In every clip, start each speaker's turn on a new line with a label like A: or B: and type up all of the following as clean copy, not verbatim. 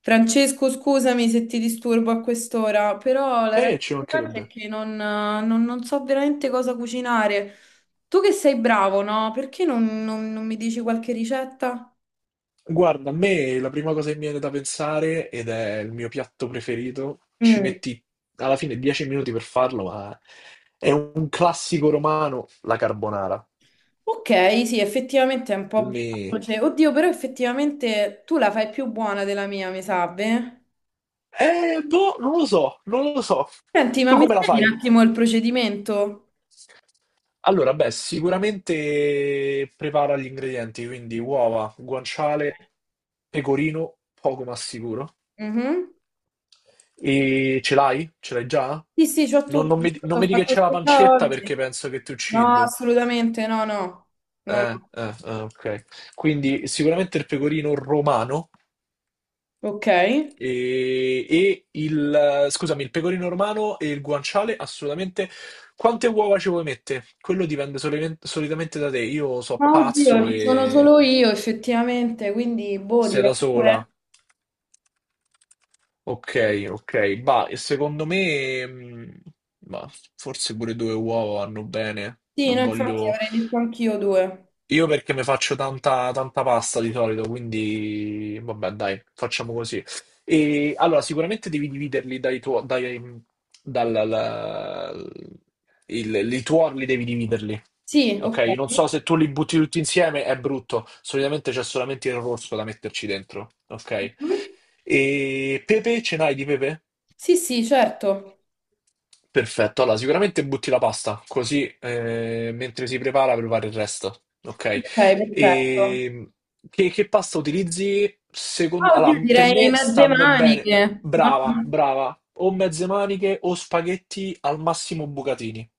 A: Francesco, scusami se ti disturbo a quest'ora, però la realtà
B: Ci
A: dei fatti è
B: mancherebbe.
A: che non so veramente cosa cucinare. Tu che sei bravo, no? Perché non mi dici qualche ricetta?
B: Guarda, a me la prima cosa che mi viene da pensare, ed è il mio piatto preferito, ci
A: Mm.
B: metti alla fine 10 minuti per farlo, ma è un classico romano, la carbonara.
A: Ok, sì, effettivamente è un po'
B: Mi...
A: veloce. Oddio, però effettivamente tu la fai più buona della mia, mi sa, beh?
B: Boh, non lo so, non lo so.
A: Senti, ma
B: Tu
A: mi
B: come la
A: spieghi un
B: fai?
A: attimo il procedimento?
B: Allora, beh, sicuramente prepara gli ingredienti, quindi uova, guanciale, pecorino, poco ma sicuro.
A: Mhm.
B: E ce l'hai? Ce l'hai già?
A: Sì, sì, c'ho
B: Non,
A: tutto,
B: non mi, di- non
A: l'ho
B: mi dica che
A: fatto
B: c'è la
A: spesa
B: pancetta perché
A: oggi.
B: penso che ti
A: No,
B: uccido.
A: assolutamente, no, no. No, no.
B: Ok. Quindi sicuramente il pecorino romano
A: Ok.
B: e, e il... scusami, il pecorino romano e il guanciale assolutamente. Quante uova ci vuoi mettere? Quello dipende solitamente da te. Io so
A: Ma
B: pazzo
A: oddio, ci sono
B: e
A: solo io effettivamente, quindi boh,
B: sei
A: direi
B: da sola.
A: due.
B: Ok, ok, bah, e secondo me, bah, forse pure due uova vanno bene.
A: Sì, no,
B: Non
A: infatti
B: voglio.
A: avrei detto anch'io due.
B: Io perché mi faccio tanta, tanta pasta di solito, quindi vabbè, dai, facciamo così. E allora, sicuramente devi dividerli dai tuoi. Dai, dal, la- i tuorli devi dividerli.
A: Sì,
B: Ok,
A: ok.
B: non so se tu li butti tutti insieme, è brutto. Solitamente c'è solamente il rosso da metterci dentro. Ok.
A: Mhm.
B: E pepe, ce n'hai di pepe?
A: Sì, sì, certo.
B: Perfetto, allora sicuramente butti la pasta, così mentre si prepara il resto, ok?
A: Ok, perfetto.
B: E che pasta utilizzi?
A: Ah, oddio,
B: Allora, per
A: direi
B: me
A: mezze
B: stanno bene,
A: maniche, no?
B: brava, brava, o mezze maniche o spaghetti al massimo bucatini,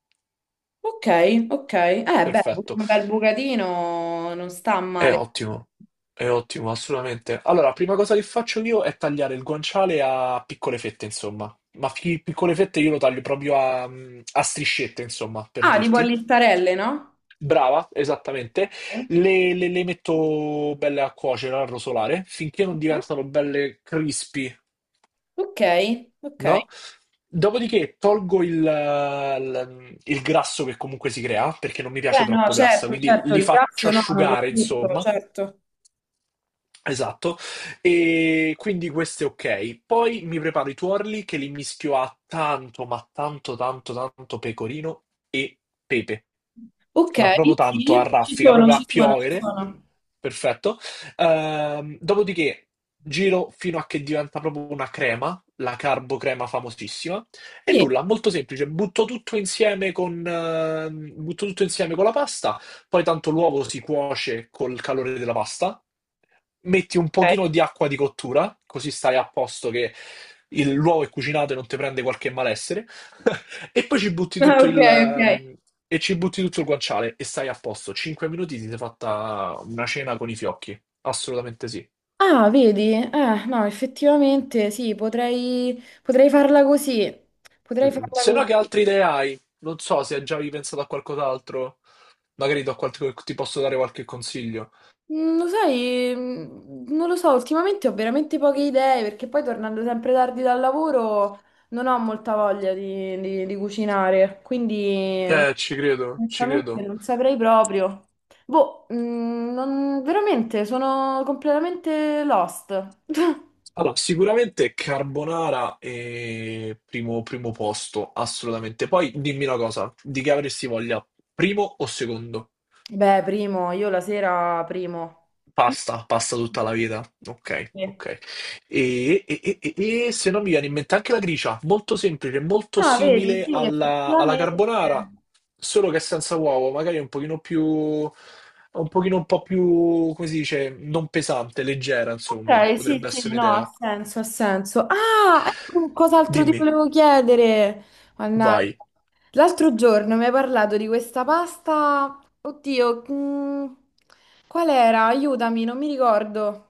A: Ok, ok. Beh,
B: perfetto,
A: un bel bucatino non sta
B: è
A: male.
B: ottimo, è ottimo, assolutamente. Allora, prima cosa che faccio io è tagliare il guanciale a piccole fette, insomma, ma piccole fette io lo taglio proprio a striscette, insomma, per
A: Ah, tipo a
B: dirti.
A: listarelle, no?
B: Brava, esattamente.
A: Mhm.
B: Le metto belle a cuocere, a rosolare, finché non diventano belle crispy,
A: Ok, ok.
B: no? Dopodiché tolgo il grasso che comunque si crea, perché non mi
A: Beh,
B: piace
A: no,
B: troppo grassa,
A: certo,
B: quindi
A: certo,
B: li
A: il
B: faccio
A: grasso no, non lo
B: asciugare,
A: butto,
B: insomma.
A: certo.
B: Esatto, e quindi questo è ok. Poi mi preparo i tuorli che li mischio a tanto, ma tanto, tanto, tanto pecorino e pepe,
A: Ok,
B: ma proprio tanto a
A: sì, ci
B: raffica,
A: sono,
B: proprio a
A: ci sono, ci
B: piovere.
A: sono.
B: Perfetto. Dopodiché giro fino a che diventa proprio una crema, la carbocrema famosissima. E
A: Sì,
B: nulla, molto semplice, butto tutto insieme con la pasta. Poi tanto l'uovo si cuoce col calore della pasta, metti un
A: ok.
B: pochino di acqua di cottura, così stai a posto che l'uovo è cucinato e non ti prende qualche malessere, e poi ci butti
A: Ah,
B: tutto
A: ok,
B: il,
A: ok.
B: ehm, e ci butti tutto il guanciale e stai a posto. 5 minuti ti sei fatta una cena con i fiocchi, assolutamente sì.
A: Ah, vedi? No, effettivamente sì, potrei, potrei farla così. Potrei farla
B: Se no, che
A: così.
B: altre idee hai? Non so se hai già pensato a qualcos'altro, magari ti posso dare qualche consiglio.
A: Mm, lo sai, mm, non lo so, ultimamente ho veramente poche idee perché poi tornando sempre tardi dal lavoro non ho molta voglia di, di cucinare, quindi
B: Ci credo, ci
A: onestamente
B: credo.
A: non saprei proprio. Boh, mm, veramente sono completamente lost.
B: Allora, sicuramente carbonara è primo, primo posto, assolutamente. Poi dimmi una cosa, di che avresti voglia? Primo o secondo?
A: Beh, primo, io la sera primo.
B: Pasta, pasta tutta la vita. Ok,
A: Sì.
B: ok. E, e- e- e- e se non mi viene in mente anche la gricia, molto semplice, molto
A: Ah, vedi,
B: simile
A: sì,
B: alla
A: effettivamente.
B: carbonara, solo che senza uovo, magari un pochino un po' più, come si dice, non pesante, leggera, insomma,
A: Ok, sì,
B: potrebbe
A: sì,
B: essere
A: no, ha
B: un'idea.
A: senso, ha senso. Ah, ecco cos'altro ti
B: Dimmi,
A: volevo chiedere. Mannaggia.
B: vai.
A: L'altro giorno mi hai parlato di questa pasta. Oddio, mm, qual era? Aiutami, non mi ricordo.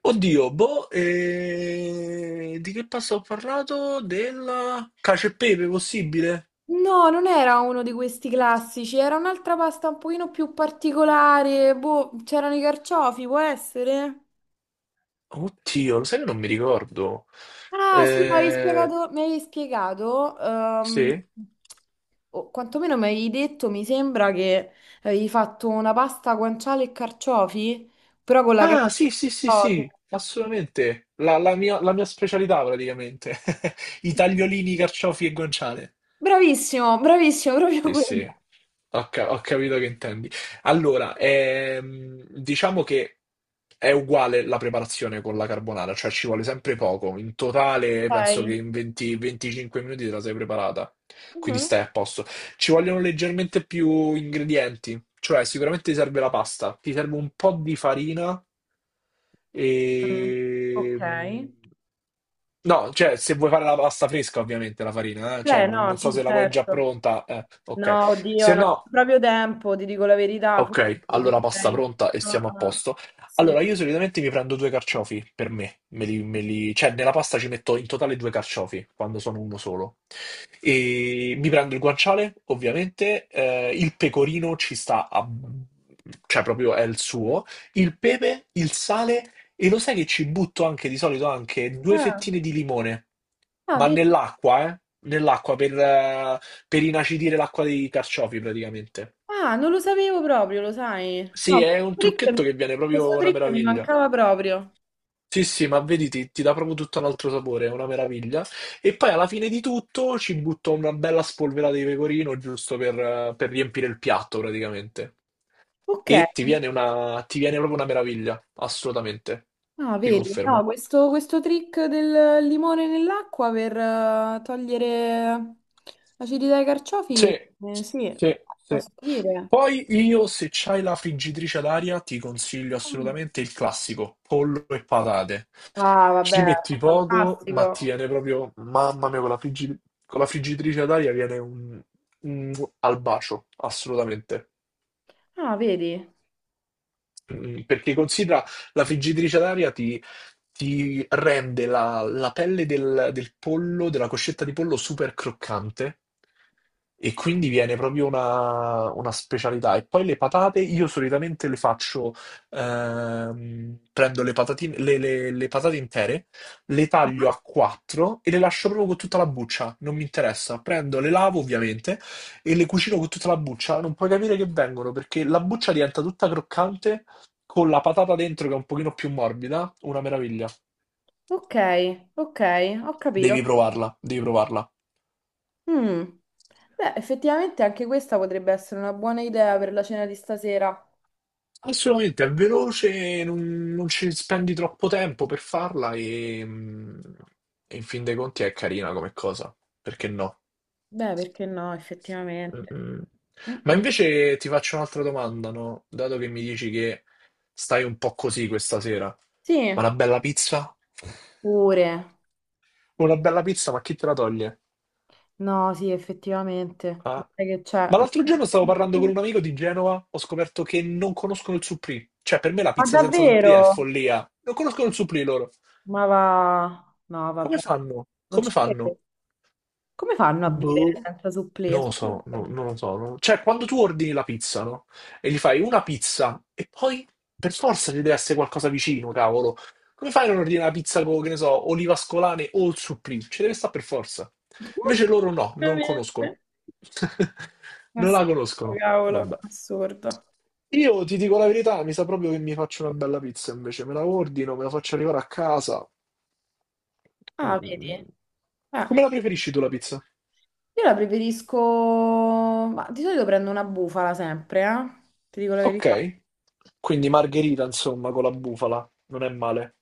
B: Oddio, boh, di che pasta ho parlato? Della cacio e pepe, possibile?
A: No, non era uno di questi classici, era un'altra pasta un pochino più particolare. Boh, c'erano i carciofi, può essere?
B: Oddio, lo sai che non mi ricordo.
A: Ah, sì,
B: Eh,
A: mi avevi spiegato,
B: sì?
A: o quantomeno mi avevi detto, mi sembra che avevi fatto una pasta guanciale e carciofi, però con la crema
B: Ah, sì, sì, sì,
A: di
B: sì,
A: ciofi.
B: assolutamente. La mia specialità praticamente. I tagliolini, carciofi e guanciale.
A: Bravissimo, bravissimo, proprio
B: Sì,
A: quella.
B: sì, ho capito che intendi. Allora, diciamo che è uguale la preparazione con la carbonara, cioè ci vuole sempre poco. In totale penso
A: Dai.
B: che in 20 25 minuti te la sei preparata, quindi
A: Mhm.
B: stai a posto. Ci vogliono leggermente più ingredienti, cioè sicuramente ti serve la pasta, ti serve un po' di farina
A: Mm,
B: e...
A: ok.
B: No, cioè se vuoi fare la pasta fresca ovviamente la farina, cioè
A: Beh,
B: non,
A: no,
B: non so
A: sì,
B: se la vuoi già
A: certo.
B: pronta, ok.
A: No,
B: Se
A: oddio, non c'è
B: no,
A: proprio tempo, ti dico la verità, forse
B: Ok, allora pasta
A: preferirei...
B: pronta e
A: Ah,
B: siamo a
A: ah,
B: posto.
A: sì.
B: Allora, io solitamente mi prendo due carciofi per me, cioè nella pasta ci metto in totale due carciofi quando sono uno solo. E mi prendo il guanciale, ovviamente, il pecorino ci sta a... cioè proprio è il suo, il pepe, il sale e lo sai che ci butto anche di solito anche due
A: Ah,
B: fettine di limone,
A: ah,
B: ma
A: vedi?
B: nell'acqua, eh? Nell'acqua per inacidire l'acqua dei carciofi praticamente.
A: Ah, non lo sapevo proprio, lo sai.
B: Sì,
A: No,
B: è un trucchetto
A: trick,
B: che viene
A: questo
B: proprio una
A: trick mi
B: meraviglia.
A: mancava proprio.
B: Sì, sì, ma vedi, ti dà proprio tutto un altro sapore, è una meraviglia. E poi alla fine di tutto ci butto una bella spolverata di pecorino giusto per riempire il piatto praticamente.
A: Ok.
B: E ti viene proprio una meraviglia, assolutamente.
A: Ah,
B: Ti
A: vedi, no,
B: confermo.
A: questo trick del limone nell'acqua per togliere l'acidità ai carciofi,
B: Sì,
A: sì,
B: sì, sì.
A: posso dire.
B: Poi io, se c'hai la friggitrice ad aria, ti consiglio
A: Mm.
B: assolutamente il classico, pollo e patate.
A: Ah,
B: Ci
A: vabbè,
B: metti poco, ma ti
A: fantastico.
B: viene proprio, mamma mia, con la friggitrice ad aria viene un al bacio, assolutamente.
A: Ah, vedi.
B: Perché considera la friggitrice d'aria ti rende la pelle del pollo, della coscetta di pollo super croccante e quindi viene proprio una specialità. E poi le patate, io solitamente prendo le patatine, le patate intere, le taglio
A: Ah,
B: a quattro e le lascio proprio con tutta la buccia, non mi interessa. Prendo, le lavo ovviamente e le cucino con tutta la buccia. Non puoi capire che vengono perché la buccia diventa tutta croccante con la patata dentro che è un pochino più morbida, una meraviglia.
A: ok, ok, ho capito.
B: Devi provarla, devi provarla.
A: Mm. Beh, effettivamente anche questa potrebbe essere una buona idea per la cena di stasera.
B: Assolutamente, è veloce, non ci spendi troppo tempo per farla e in fin dei conti è carina come cosa, perché no?
A: Beh, perché no, effettivamente.
B: Mm-mm.
A: Mm,
B: Ma
A: mm.
B: invece ti faccio un'altra domanda, no? Dato che mi dici che stai un po' così questa sera,
A: Sì,
B: ma una bella pizza?
A: pure.
B: Una bella pizza, ma chi te la toglie?
A: No, sì, effettivamente.
B: Ah,
A: Sai che c'è?
B: ma l'altro giorno stavo parlando con un amico di Genova, ho scoperto che non conoscono il supplì. Cioè, per me la
A: Ma
B: pizza senza supplì è
A: davvero?
B: follia. Non conoscono il supplì loro.
A: Ma va... No,
B: Come
A: vabbè.
B: fanno?
A: Non
B: Come
A: ci
B: fanno?
A: credo. Come fanno a vivere
B: Boh.
A: senza supplì?
B: Non lo so,
A: Assurdo.
B: non lo so. Cioè, quando tu ordini la pizza, no? E gli fai una pizza e poi per forza ci deve essere qualcosa vicino, cavolo. Come fai a non ordinare la pizza con, che ne so, olive ascolane o il supplì? Ci deve stare per forza. Invece loro no, non conoscono.
A: Veramente.
B: Non
A: Assurdo,
B: la conoscono.
A: cavolo,
B: Vabbè.
A: assurdo.
B: Io ti dico la verità, mi sa proprio che mi faccio una bella pizza invece. Me la ordino, me la faccio arrivare a casa. Mm.
A: Ah,
B: Mm, mm.
A: vedi? Eh,
B: Come la preferisci tu la pizza?
A: io la preferisco... Ma di solito prendo una bufala sempre, eh? Ti dico la verità.
B: Ok, quindi margherita, insomma, con la bufala, non è male.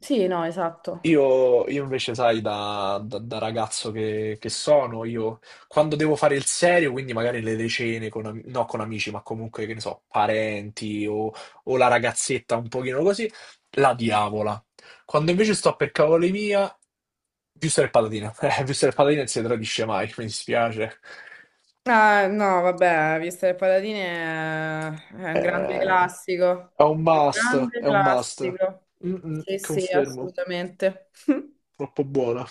A: Sì, no, esatto.
B: Io invece, sai, da ragazzo che sono, io quando devo fare il serio, quindi magari le cene, no, con amici, ma comunque, che ne so, parenti o la ragazzetta un pochino così, la diavola. Quando invece sto per cavoli mia, visto e patatine, visto e patatine non si tradisce mai, mi dispiace.
A: Ah, no, vabbè, vista le patatine è un grande
B: Eh,
A: classico.
B: è un
A: Un
B: must,
A: grande
B: è un must.
A: classico.
B: Mm-mm,
A: Sì, sì,
B: confermo,
A: assolutamente.
B: troppo buona.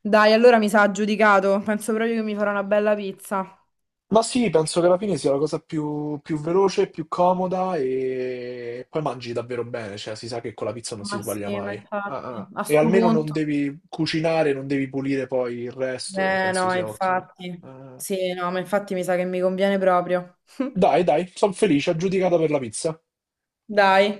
A: Dai, allora mi sa giudicato. Penso proprio che mi farò una bella pizza.
B: Ma sì, penso che alla fine sia la cosa più, veloce, più comoda e poi mangi davvero bene, cioè si sa che con la pizza non si
A: Ma
B: sbaglia
A: sì, ma
B: mai. Ah,
A: infatti,
B: ah.
A: a
B: E
A: sto
B: almeno non
A: punto.
B: devi cucinare, non devi pulire poi il resto,
A: Eh
B: penso
A: no,
B: sia ottimo.
A: infatti.
B: Eh,
A: Sì, no, ma infatti mi sa che mi conviene proprio.
B: Dai, dai, sono felice, aggiudicata per la pizza.
A: Dai.